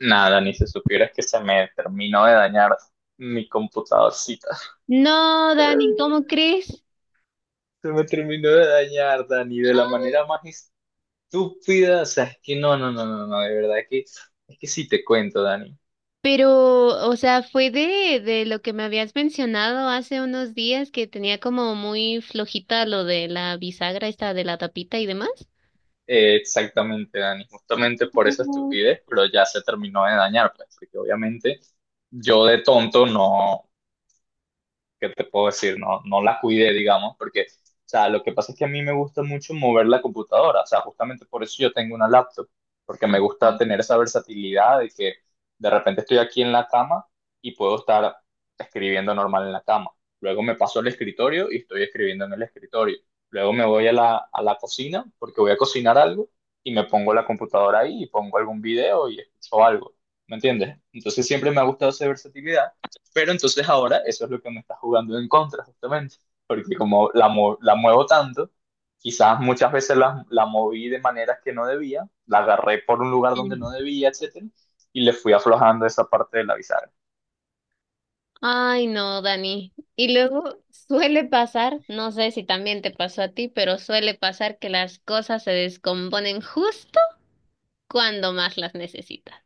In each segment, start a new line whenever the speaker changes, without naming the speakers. Nada, ni se supiera que se me terminó de dañar mi computadorcita.
No, Dani, ¿cómo crees?
Se me terminó de dañar, Dani, de la manera más estúpida. O sea, es que no, no, no, no, no, de verdad que es que sí te cuento, Dani.
Pero, o sea, fue de lo que me habías mencionado hace unos días que tenía como muy flojita lo de la bisagra esta de la tapita y demás.
Exactamente, Dani. Justamente por esa
Oh.
estupidez, pero ya se terminó de dañar, pues, porque obviamente yo de tonto no, ¿qué te puedo decir? No, no la cuidé, digamos, porque, o sea, lo que pasa es que a mí me gusta mucho mover la computadora, o sea, justamente por eso yo tengo una laptop, porque me gusta
Ajá.
tener esa versatilidad de que de repente estoy aquí en la cama y puedo estar escribiendo normal en la cama. Luego me paso al escritorio y estoy escribiendo en el escritorio. Luego me voy a la cocina porque voy a cocinar algo y me pongo la computadora ahí y pongo algún video y escucho algo. ¿Me entiendes? Entonces siempre me ha gustado esa versatilidad pero entonces ahora eso es lo que me está jugando en contra, justamente. Porque como la muevo tanto, quizás muchas veces la moví de maneras que no debía, la agarré por un lugar donde no
Mm.
debía, etcétera, y le fui aflojando esa parte de la bisagra.
Ay, no, Dani. Y luego suele pasar, no sé si también te pasó a ti, pero suele pasar que las cosas se descomponen justo cuando más las necesitas.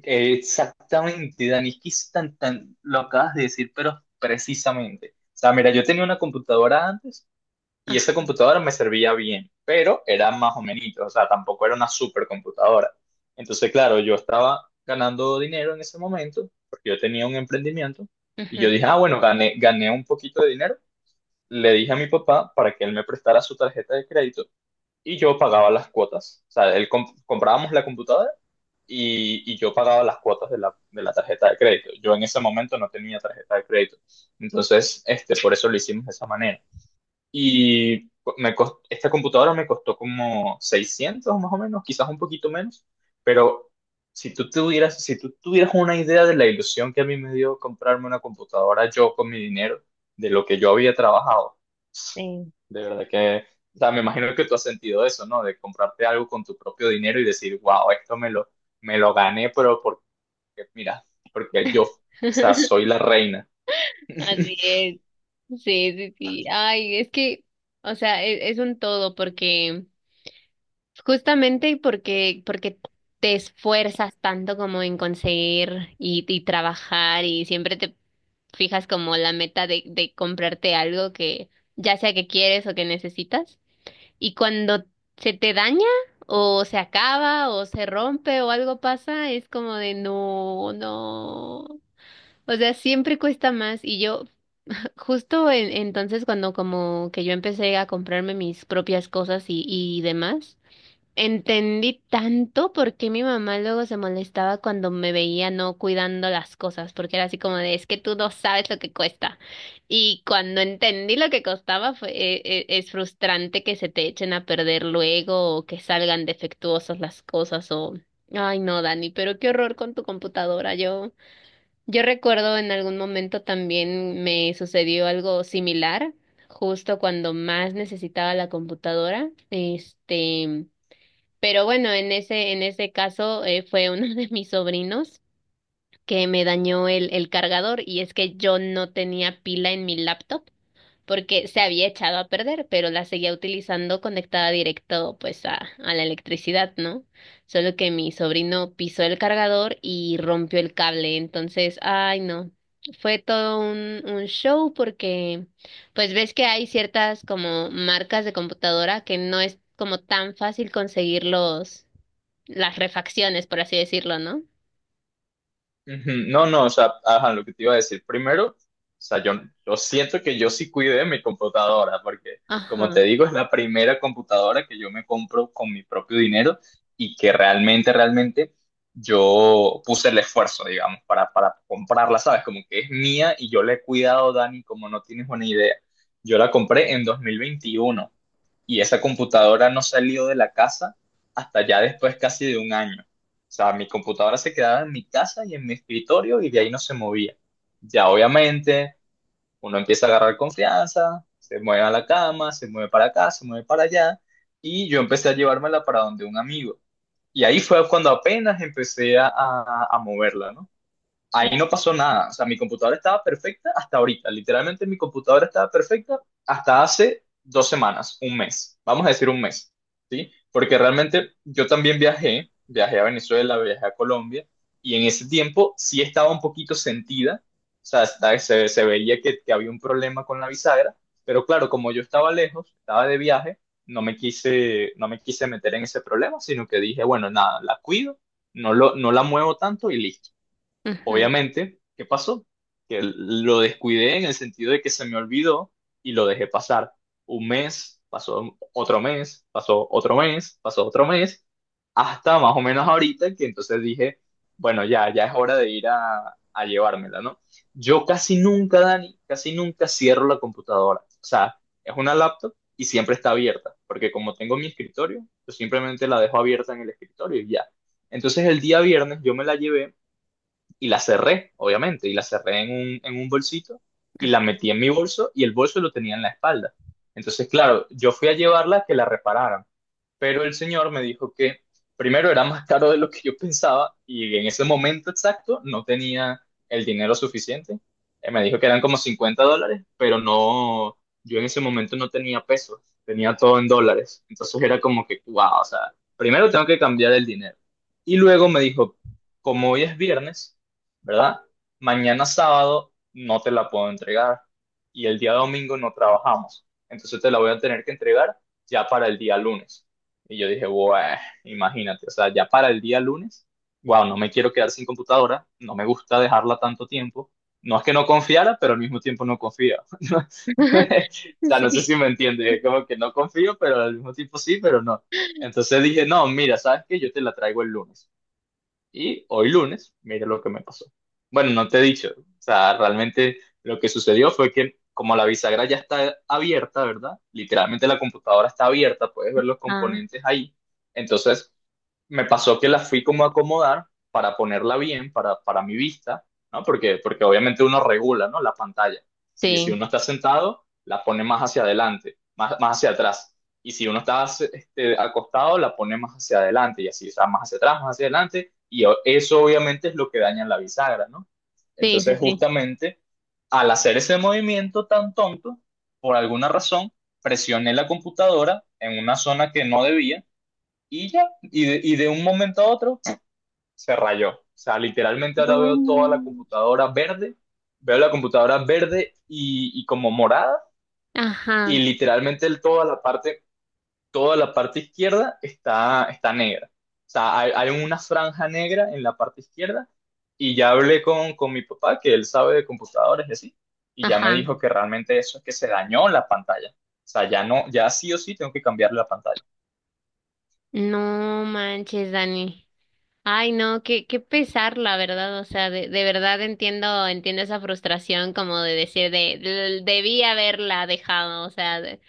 Exactamente, Dani, es que es lo acabas de decir, pero precisamente. O sea, mira, yo tenía una computadora antes y
Ah,
esa computadora me servía bien, pero era más o menos, o sea, tampoco era una supercomputadora. Entonces, claro, yo estaba ganando dinero en ese momento, porque yo tenía un emprendimiento, y
ujú.
yo dije, ah, bueno, gané un poquito de dinero. Le dije a mi papá para que él me prestara su tarjeta de crédito y yo pagaba las cuotas. O sea, él comprábamos la computadora y yo pagaba las cuotas de la tarjeta de crédito. Yo en ese momento no tenía tarjeta de crédito. Entonces, por eso lo hicimos de esa manera. Y esta computadora me costó como 600 más o menos, quizás un poquito menos, pero si tú tuvieras una idea de la ilusión que a mí me dio comprarme una computadora yo con mi dinero, de lo que yo había trabajado,
Sí.
de verdad que, o sea, me imagino que tú has sentido eso, ¿no? De comprarte algo con tu propio dinero y decir, wow, esto me lo gané, pero porque, mira, porque yo, o sea, soy la reina.
Así es. Sí, sí, sí. Ay, es que, o sea, es un todo porque, justamente porque te esfuerzas tanto como en conseguir y trabajar y siempre te fijas como la meta de comprarte algo que ya sea que quieres o que necesitas. Y cuando se te daña o se acaba o se rompe o algo pasa, es como de no, no. O sea, siempre cuesta más y yo. Justo entonces cuando como que yo empecé a comprarme mis propias cosas y demás, entendí tanto por qué mi mamá luego se molestaba cuando me veía no cuidando las cosas, porque era así como de, es que tú no sabes lo que cuesta. Y cuando entendí lo que costaba, fue, es frustrante que se te echen a perder luego o que salgan defectuosas las cosas o... Ay, no, Dani, pero qué horror con tu computadora, yo. Yo recuerdo en algún momento también me sucedió algo similar, justo cuando más necesitaba la computadora, este, pero bueno, en ese caso fue uno de mis sobrinos que me dañó el cargador y es que yo no tenía pila en mi laptop porque se había echado a perder, pero la seguía utilizando conectada directo pues a la electricidad, ¿no? Solo que mi sobrino pisó el cargador y rompió el cable, entonces, ay no, fue todo un show porque pues ves que hay ciertas como marcas de computadora que no es como tan fácil conseguir los, las refacciones, por así decirlo, ¿no?
Ujú, no, no, o sea, ajá, lo que te iba a decir primero, o sea, yo siento que yo sí cuidé mi computadora, porque como
Ajá.
te digo, es la primera computadora que yo me compro con mi propio dinero y que realmente, realmente yo puse el esfuerzo, digamos, para comprarla, ¿sabes? Como que es mía y yo la he cuidado, Dani, como no tienes una idea. Yo la compré en 2021, y esa computadora no salió de la casa hasta ya después casi de un año. O sea, mi computadora se quedaba en mi casa y en mi escritorio y de ahí no se movía. Ya obviamente uno empieza a agarrar confianza, se mueve a la cama, se mueve para acá, se mueve para allá y yo empecé a llevármela para donde un amigo. Y ahí fue cuando apenas empecé a moverla, ¿no? Ahí no pasó nada. O sea, mi computadora estaba perfecta hasta ahorita. Literalmente mi computadora estaba perfecta hasta hace 2 semanas, un mes. Vamos a decir un mes, ¿sí? Porque realmente yo también viajé a Venezuela, viajé a Colombia, y en ese tiempo sí estaba un poquito sentida. O sea, se veía que había un problema con la bisagra, pero claro, como yo estaba lejos, estaba de viaje, no me quise meter en ese problema, sino que dije, bueno, nada, la cuido, no la muevo tanto y listo.
Ujú.
Obviamente, ¿qué pasó? Que lo descuidé en el sentido de que se me olvidó y lo dejé pasar. Un mes, pasó otro mes, pasó otro mes, pasó otro mes, hasta más o menos ahorita que entonces dije, bueno, ya, ya es hora de ir a llevármela, ¿no? Yo casi nunca, Dani, casi nunca cierro la computadora. O sea, es una laptop y siempre está abierta, porque como tengo mi escritorio, yo simplemente la dejo abierta en el escritorio y ya. Entonces el día viernes yo me la llevé y la cerré, obviamente, y la cerré en un bolsito y la metí en mi bolso y el bolso lo tenía en la espalda. Entonces, claro, yo fui a llevarla a que la repararan pero el señor me dijo que primero era más caro de lo que yo pensaba y en ese momento exacto no tenía el dinero suficiente. Me dijo que eran como $50, pero no, yo en ese momento no tenía pesos, tenía todo en dólares. Entonces era como que, wow, o sea, primero tengo que cambiar el dinero. Y luego me dijo, como hoy es viernes, ¿verdad? Mañana sábado no te la puedo entregar y el día domingo no trabajamos. Entonces te la voy a tener que entregar ya para el día lunes. Y yo dije, wow, imagínate, o sea, ya para el día lunes, wow, no me quiero quedar sin computadora, no me gusta dejarla tanto tiempo. No es que no confiara, pero al mismo tiempo no confía. O sea, no sé si
Sí.
me entiende, es como que no confío, pero al mismo tiempo sí, pero no. Entonces dije, no, mira, ¿sabes qué? Yo te la traigo el lunes. Y hoy lunes, mira lo que me pasó. Bueno, no te he dicho, o sea, realmente lo que sucedió fue que como la bisagra ya está abierta, ¿verdad? Literalmente la computadora está abierta, puedes ver los
Ah,
componentes ahí. Entonces, me pasó que la fui como a acomodar para ponerla bien, para mi vista, ¿no? Porque obviamente uno regula, ¿no? La pantalla. Si
sí,
uno está sentado, la pone más hacia adelante, más hacia atrás. Y si uno está acostado, la pone más hacia adelante y así, o sea, más hacia atrás, más hacia adelante. Y eso obviamente es lo que daña la bisagra, ¿no?
sí, sí,
Entonces,
sí.
justamente, al hacer ese movimiento tan tonto, por alguna razón, presioné la computadora en una zona que no debía y ya, y de un momento a otro se rayó. O sea, literalmente ahora
No
veo toda la
manches.
computadora verde, veo la computadora verde y como morada, y
Ajá,
literalmente toda la parte izquierda está negra. O sea, hay una franja negra en la parte izquierda, y ya hablé con mi papá, que él sabe de computadores y así, y ya me
ajá.
dijo que realmente eso es que se dañó la pantalla. O sea, ya no, ya sí o sí tengo que cambiar la pantalla.
No manches, Dani. Ay, no, qué, qué pesar, la verdad. O sea, de verdad entiendo, entiendo esa frustración como de decir de, Debí haberla dejado. O sea, de-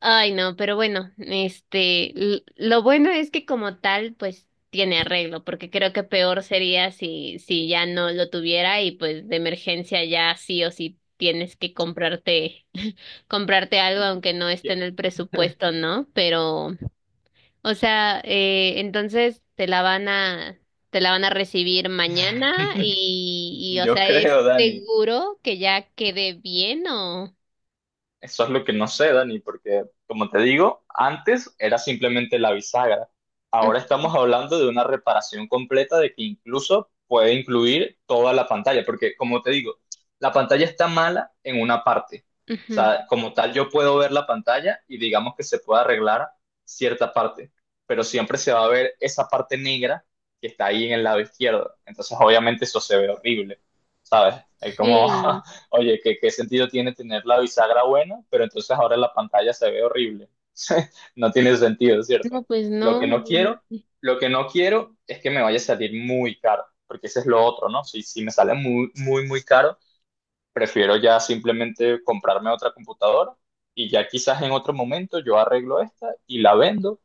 ay, no, pero bueno, este, lo bueno es que como tal, pues tiene arreglo, porque creo que peor sería si, si ya no lo tuviera y pues de emergencia ya sí o sí tienes que comprarte. Comprarte algo aunque no esté en el presupuesto, ¿no? Pero, o sea, entonces te la van a, te la van a recibir mañana y, o
Yo
sea, ¿es
creo, Dani.
seguro que ya quede bien o?
Eso es lo que no sé, Dani, porque como te digo, antes era simplemente la bisagra.
Mm,
Ahora estamos hablando de una reparación completa de que incluso puede incluir toda la pantalla, porque como te digo, la pantalla está mala en una parte. O
ujú.
sea, como tal, yo puedo ver la pantalla y digamos que se puede arreglar cierta parte, pero siempre se va a ver esa parte negra que está ahí en el lado izquierdo. Entonces, obviamente eso se ve horrible, ¿sabes? Es como
Sí,
Oye, ¿qué sentido tiene tener la bisagra buena, pero entonces ahora la pantalla se ve horrible? No tiene sentido, ¿cierto?
no, pues
Lo que
no,
no quiero,
obviamente.
lo que no quiero es que me vaya a salir muy caro, porque ese es lo otro, ¿no? Si me sale muy, muy, muy caro, prefiero ya simplemente comprarme otra computadora y ya quizás en otro momento yo arreglo esta y la vendo,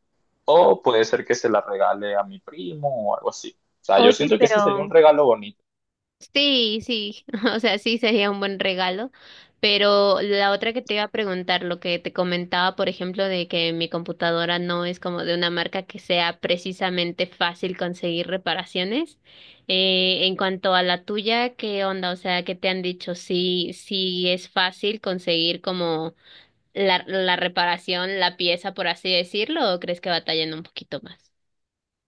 o puede ser que se la regale a mi primo o algo así. O sea, yo
Oye,
siento que eso sería un
pero
regalo bonito.
sí, sí, o sea, sí sería un buen regalo, pero la otra que te iba a preguntar, lo que te comentaba, por ejemplo, de que mi computadora no es como de una marca que sea precisamente fácil conseguir reparaciones. En cuanto a la tuya, ¿qué onda? O sea, ¿qué te han dicho? Sí, ¿sí es fácil conseguir como la reparación, la pieza, por así decirlo, o crees que batallan un poquito más?